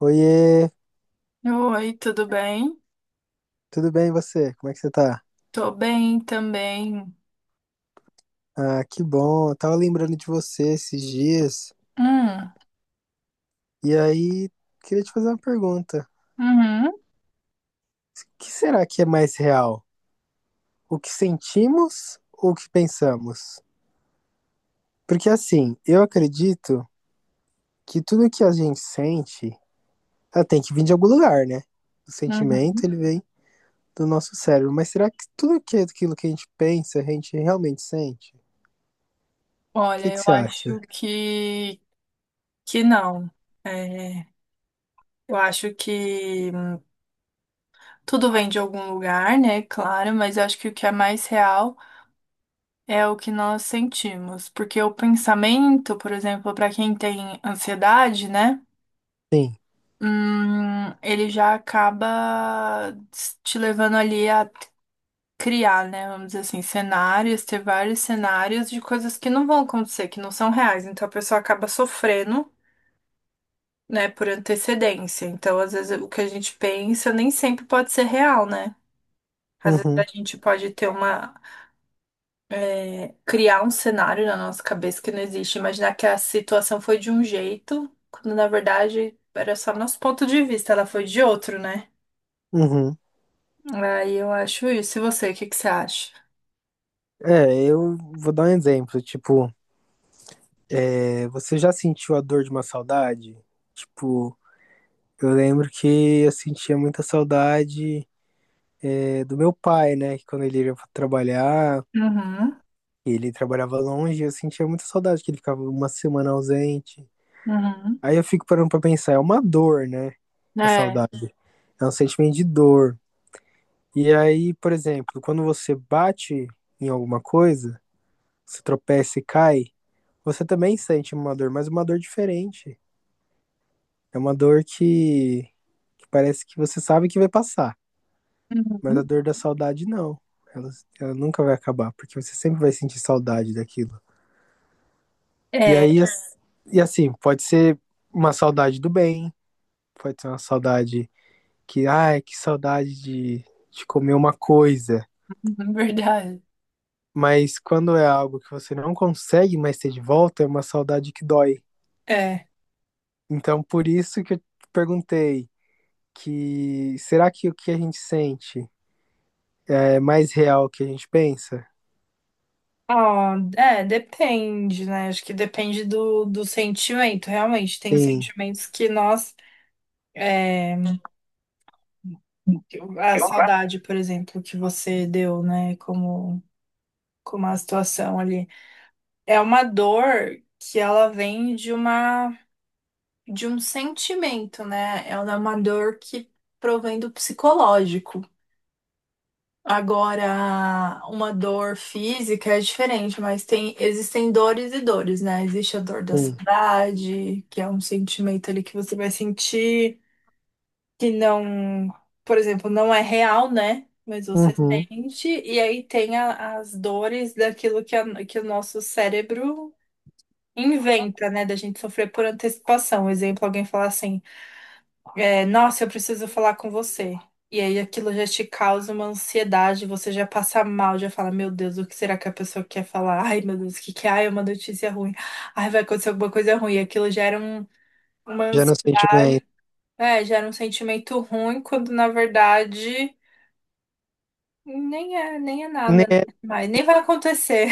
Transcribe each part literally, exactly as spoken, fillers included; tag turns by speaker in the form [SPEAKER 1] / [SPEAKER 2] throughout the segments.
[SPEAKER 1] Oiê,
[SPEAKER 2] Oi, tudo bem?
[SPEAKER 1] tudo bem e você? Como é que você tá?
[SPEAKER 2] Tô bem também.
[SPEAKER 1] Ah, que bom. Eu tava lembrando de você esses dias
[SPEAKER 2] Hum,
[SPEAKER 1] e aí queria te fazer uma pergunta.
[SPEAKER 2] uhum,
[SPEAKER 1] O que será que é mais real? O que sentimos ou o que pensamos? Porque assim, eu acredito que tudo que a gente sente, ela tem que vir de algum lugar, né? O sentimento,
[SPEAKER 2] uhum.
[SPEAKER 1] ele vem do nosso cérebro. Mas será que tudo que é aquilo que a gente pensa, a gente realmente sente? O que
[SPEAKER 2] Olha,
[SPEAKER 1] que
[SPEAKER 2] eu
[SPEAKER 1] você acha?
[SPEAKER 2] acho que que não. É, eu acho que hum, tudo vem de algum lugar, né? Claro, mas eu acho que o que é mais real é o que nós sentimos, porque o pensamento, por exemplo, para quem tem ansiedade, né?
[SPEAKER 1] Sim.
[SPEAKER 2] Hum, ele já acaba te levando ali a criar, né? Vamos dizer assim, cenários, ter vários cenários de coisas que não vão acontecer, que não são reais. Então a pessoa acaba sofrendo, né, por antecedência. Então, às vezes, o que a gente pensa nem sempre pode ser real, né? Às vezes
[SPEAKER 1] Uhum,
[SPEAKER 2] a gente pode ter uma, é, criar um cenário na nossa cabeça que não existe, imaginar que a situação foi de um jeito, quando na verdade era só nosso ponto de vista, ela foi de outro, né?
[SPEAKER 1] uhum.
[SPEAKER 2] Aí eu acho isso. E você, o que que você acha?
[SPEAKER 1] É, eu vou dar um exemplo. Tipo, é, você já sentiu a dor de uma saudade? Tipo, eu lembro que eu sentia muita saudade, é, do meu pai, né? Que quando ele ia pra trabalhar,
[SPEAKER 2] Uhum,
[SPEAKER 1] ele trabalhava longe, eu sentia muita saudade, que ele ficava uma semana ausente.
[SPEAKER 2] uhum.
[SPEAKER 1] Aí eu fico parando pra pensar, é uma dor, né? A
[SPEAKER 2] É.
[SPEAKER 1] saudade. É um sentimento de dor. E aí, por exemplo, quando você bate em alguma coisa, você tropeça e cai, você também sente uma dor, mas uma dor diferente. É uma dor que, que parece que você sabe que vai passar, mas
[SPEAKER 2] Uhum.
[SPEAKER 1] a dor da saudade não. Ela, ela nunca vai acabar, porque você sempre vai sentir saudade daquilo. E
[SPEAKER 2] É.
[SPEAKER 1] aí, as- e assim, pode ser uma saudade do bem, pode ser uma saudade que, ai, que saudade de, de comer uma coisa.
[SPEAKER 2] Uhum, verdade.
[SPEAKER 1] Mas quando é algo que você não consegue mais ter de volta, é uma saudade que dói.
[SPEAKER 2] É.
[SPEAKER 1] Então, por isso que eu te perguntei que será que o que a gente sente é mais real que a gente pensa?
[SPEAKER 2] Ah, é, depende, né? Acho que depende do, do sentimento, realmente. Tem
[SPEAKER 1] Sim,
[SPEAKER 2] sentimentos que nós. é, a saudade, por exemplo, que você deu, né? Como, como a situação ali. É uma dor que ela vem de uma, de um sentimento, né? Ela é uma dor que provém do psicológico. Agora, uma dor física é diferente, mas tem, existem dores e dores, né? Existe a dor da
[SPEAKER 1] sim.
[SPEAKER 2] saudade, que é um sentimento ali que você vai sentir, que não, por exemplo, não é real, né? Mas você
[SPEAKER 1] Uhum.
[SPEAKER 2] sente, e aí tem a- as dores daquilo que, a- que o nosso cérebro inventa, né? Da gente sofrer por antecipação. Exemplo, alguém falar assim. É, nossa, eu preciso falar com você. E aí aquilo já te causa uma ansiedade, você já passa mal, já fala, meu Deus, o que será que a pessoa quer falar? Ai, meu Deus, o que que é? Ai, é uma notícia ruim. Ai, vai acontecer alguma coisa ruim. E aquilo gera um- uma
[SPEAKER 1] Já no sentimento.
[SPEAKER 2] ansiedade, é, gera um sentimento ruim, quando na verdade nem é, nem é nada, né?
[SPEAKER 1] Né?
[SPEAKER 2] Mas nem vai acontecer.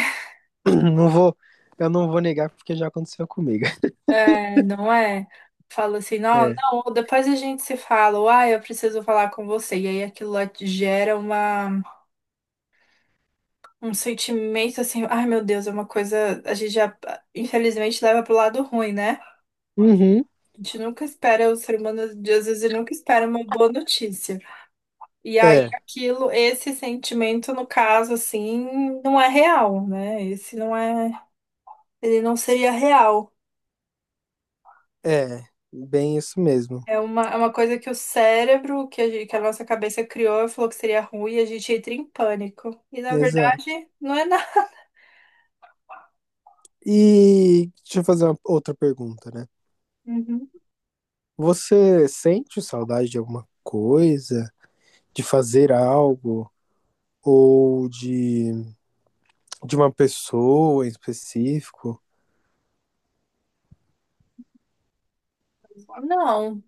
[SPEAKER 1] Não vou, eu não vou negar porque já aconteceu comigo.
[SPEAKER 2] É, não é? Fala assim, não,
[SPEAKER 1] É.
[SPEAKER 2] não, depois a gente se fala, ou, ai, eu preciso falar com você. E aí aquilo lá te gera uma. Um sentimento assim, ai meu Deus, é uma coisa. A gente já, infelizmente, leva pro lado ruim, né?
[SPEAKER 1] Uhum.
[SPEAKER 2] A gente nunca espera, o ser humano, às vezes, ele nunca espera uma boa notícia. E aí,
[SPEAKER 1] É,
[SPEAKER 2] aquilo, esse sentimento, no caso, assim, não é real, né? Esse não é. Ele não seria real.
[SPEAKER 1] é. Bem isso mesmo.
[SPEAKER 2] É uma, é uma coisa que o cérebro, que a, gente- que a nossa cabeça criou, e falou que seria ruim e a gente entra em pânico. E na
[SPEAKER 1] Exato.
[SPEAKER 2] verdade, não é nada.
[SPEAKER 1] E deixa eu fazer uma outra pergunta, né?
[SPEAKER 2] Uhum.
[SPEAKER 1] Você sente saudade de alguma coisa, de fazer algo ou de, de uma pessoa em específico?
[SPEAKER 2] Não.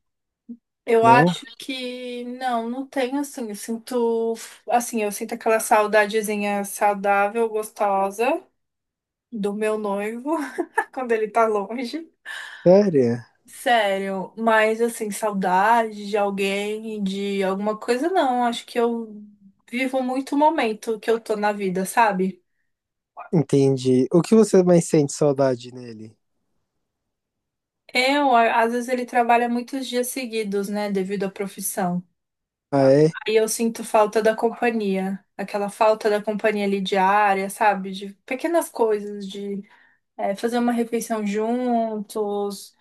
[SPEAKER 2] Eu
[SPEAKER 1] Não?
[SPEAKER 2] acho que não, não tenho assim. Eu sinto, assim, eu sinto aquela saudadezinha saudável, gostosa do meu noivo quando ele tá longe.
[SPEAKER 1] Sério?
[SPEAKER 2] Sério, mas assim, saudade de alguém, de alguma coisa, não. Acho que eu vivo muito o momento que eu tô na vida, sabe?
[SPEAKER 1] Entendi. O que você mais sente saudade nele?
[SPEAKER 2] Eu, a- às vezes ele trabalha muitos dias seguidos, né, devido à profissão.
[SPEAKER 1] Ah, é?
[SPEAKER 2] E eu sinto falta da companhia, aquela falta da companhia ali diária, sabe? De pequenas coisas, de eh, fazer uma refeição juntos,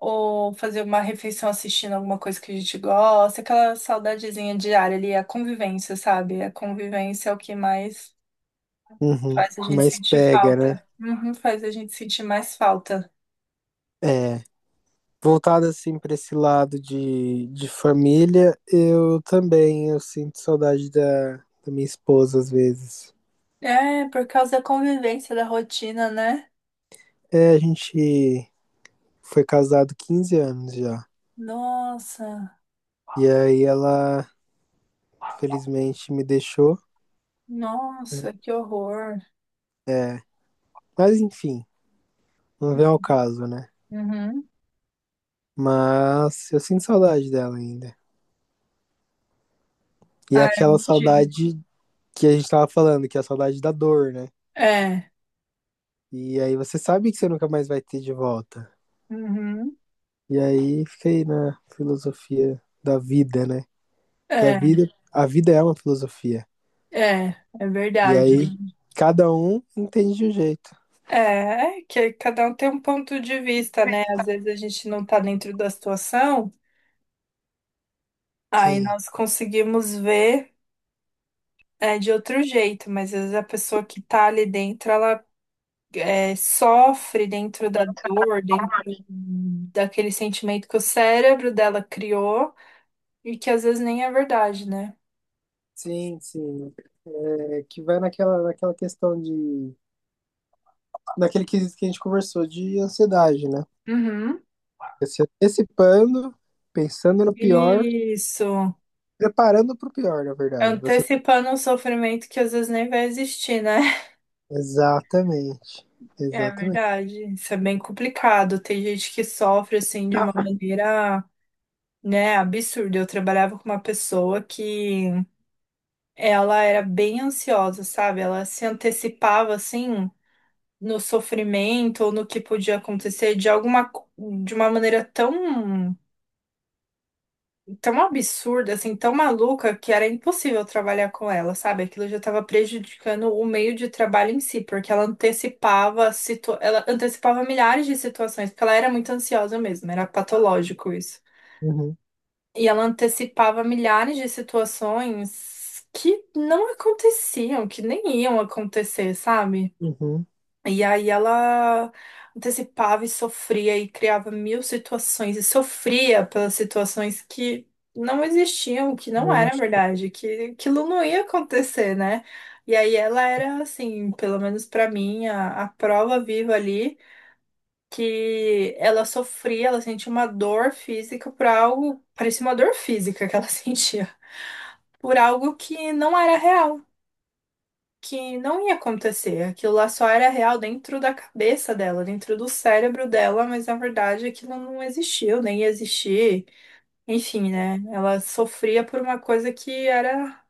[SPEAKER 2] ou fazer uma refeição assistindo alguma coisa que a gente gosta, aquela saudadezinha diária ali, a convivência, sabe? A convivência é o que mais
[SPEAKER 1] Uhum,
[SPEAKER 2] faz a gente
[SPEAKER 1] mas
[SPEAKER 2] sentir
[SPEAKER 1] pega, né?
[SPEAKER 2] falta. Uhum, faz a gente sentir mais falta.
[SPEAKER 1] É. Voltado assim para esse lado de, de família, eu também eu sinto saudade da, da minha esposa às vezes.
[SPEAKER 2] É, por causa da convivência, da rotina, né?
[SPEAKER 1] É, a gente foi casado quinze anos já.
[SPEAKER 2] Nossa,
[SPEAKER 1] E aí ela felizmente me deixou.
[SPEAKER 2] nossa, que horror.
[SPEAKER 1] É, mas enfim, não vem ao caso, né?
[SPEAKER 2] Uhum.
[SPEAKER 1] Mas eu sinto saudade dela ainda. E é
[SPEAKER 2] Ah, eu
[SPEAKER 1] aquela
[SPEAKER 2] não tive.
[SPEAKER 1] saudade que a gente tava falando, que é a saudade da dor, né?
[SPEAKER 2] É.
[SPEAKER 1] E aí você sabe que você nunca mais vai ter de volta.
[SPEAKER 2] Uhum.
[SPEAKER 1] E aí fiquei na filosofia da vida, né? Que a
[SPEAKER 2] É,
[SPEAKER 1] vida, a vida é uma filosofia.
[SPEAKER 2] é, é
[SPEAKER 1] E
[SPEAKER 2] verdade.
[SPEAKER 1] aí cada um entende de um jeito.
[SPEAKER 2] É, é que cada um tem um ponto de vista, né? Às vezes a gente não tá dentro da situação, aí
[SPEAKER 1] Sim,
[SPEAKER 2] nós conseguimos ver é, de outro jeito, mas às vezes a pessoa que tá ali dentro, ela é, sofre dentro da dor, dentro daquele sentimento que o cérebro dela criou e que às vezes nem é verdade, né?
[SPEAKER 1] sim, sim. É, que vai naquela, naquela questão de. Naquele quesito que a gente conversou de ansiedade, né?
[SPEAKER 2] Uhum.
[SPEAKER 1] Se antecipando, pensando no pior,
[SPEAKER 2] Isso.
[SPEAKER 1] preparando para o pior, na verdade. Você...
[SPEAKER 2] Antecipando um sofrimento que às vezes nem vai existir, né?
[SPEAKER 1] Exatamente.
[SPEAKER 2] É
[SPEAKER 1] Exatamente.
[SPEAKER 2] verdade. Isso é bem complicado. Tem gente que sofre assim de uma maneira, né, absurda. Eu trabalhava com uma pessoa que ela era bem ansiosa, sabe? Ela se antecipava assim no sofrimento ou no que podia acontecer de alguma co- de uma maneira tão tão absurda, assim, tão maluca, que era impossível trabalhar com ela, sabe? Aquilo já estava prejudicando o meio de trabalho em si, porque ela antecipava, situ... ela antecipava milhares de situações, porque ela era muito ansiosa mesmo, era patológico isso.
[SPEAKER 1] Uhum,
[SPEAKER 2] E ela antecipava milhares de situações que não aconteciam, que nem iam acontecer, sabe?
[SPEAKER 1] uhum.
[SPEAKER 2] E aí ela antecipava e sofria e criava mil situações e sofria pelas situações que não existiam, que não era
[SPEAKER 1] Mas-
[SPEAKER 2] verdade, que aquilo não ia acontecer, né? E aí ela era assim, pelo menos pra mim, a, a prova viva ali que ela sofria, ela sentia uma dor física por algo, parecia uma dor física que ela sentia, por algo que não era real que não ia acontecer. Aquilo lá só era real dentro da cabeça dela, dentro do cérebro dela, mas na verdade aquilo não existiu, nem ia existir. Enfim, né? Ela sofria por uma coisa que era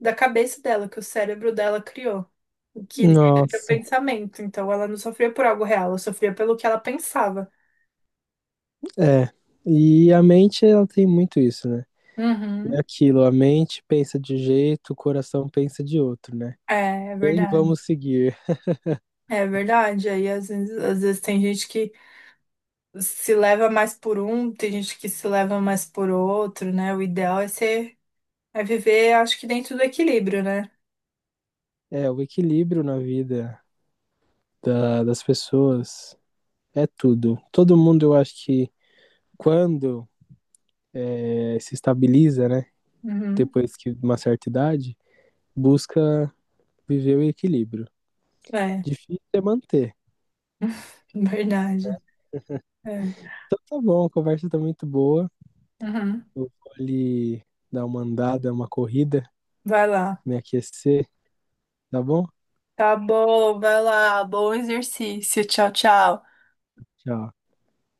[SPEAKER 2] da cabeça dela, que o cérebro dela criou. o Que era o
[SPEAKER 1] Nossa.
[SPEAKER 2] pensamento. Então ela não sofria por algo real, ela sofria pelo que ela pensava.
[SPEAKER 1] É, e a mente ela tem muito isso, né? É
[SPEAKER 2] Uhum.
[SPEAKER 1] aquilo, a mente pensa de jeito, o coração pensa de outro, né?
[SPEAKER 2] É, é
[SPEAKER 1] Quem
[SPEAKER 2] verdade.
[SPEAKER 1] vamos seguir?
[SPEAKER 2] É verdade. Aí às vezes, às vezes tem gente que se leva mais por um, tem gente que se leva mais por outro, né? O ideal é ser É viver, acho que dentro do equilíbrio, né?
[SPEAKER 1] É, o equilíbrio na vida da- das pessoas é tudo. Todo mundo, eu acho que quando é, se estabiliza, né?
[SPEAKER 2] Uhum.
[SPEAKER 1] Depois que de uma certa idade, busca viver o equilíbrio.
[SPEAKER 2] É,
[SPEAKER 1] Difícil é manter.
[SPEAKER 2] verdade. É.
[SPEAKER 1] Então tá bom, a conversa tá muito boa.
[SPEAKER 2] Uhum.
[SPEAKER 1] Eu vou ali dar uma andada, uma corrida,
[SPEAKER 2] Vai lá.
[SPEAKER 1] me aquecer, tá bom?
[SPEAKER 2] Tá bom, vai lá. Bom exercício. Tchau, tchau.
[SPEAKER 1] Tchau.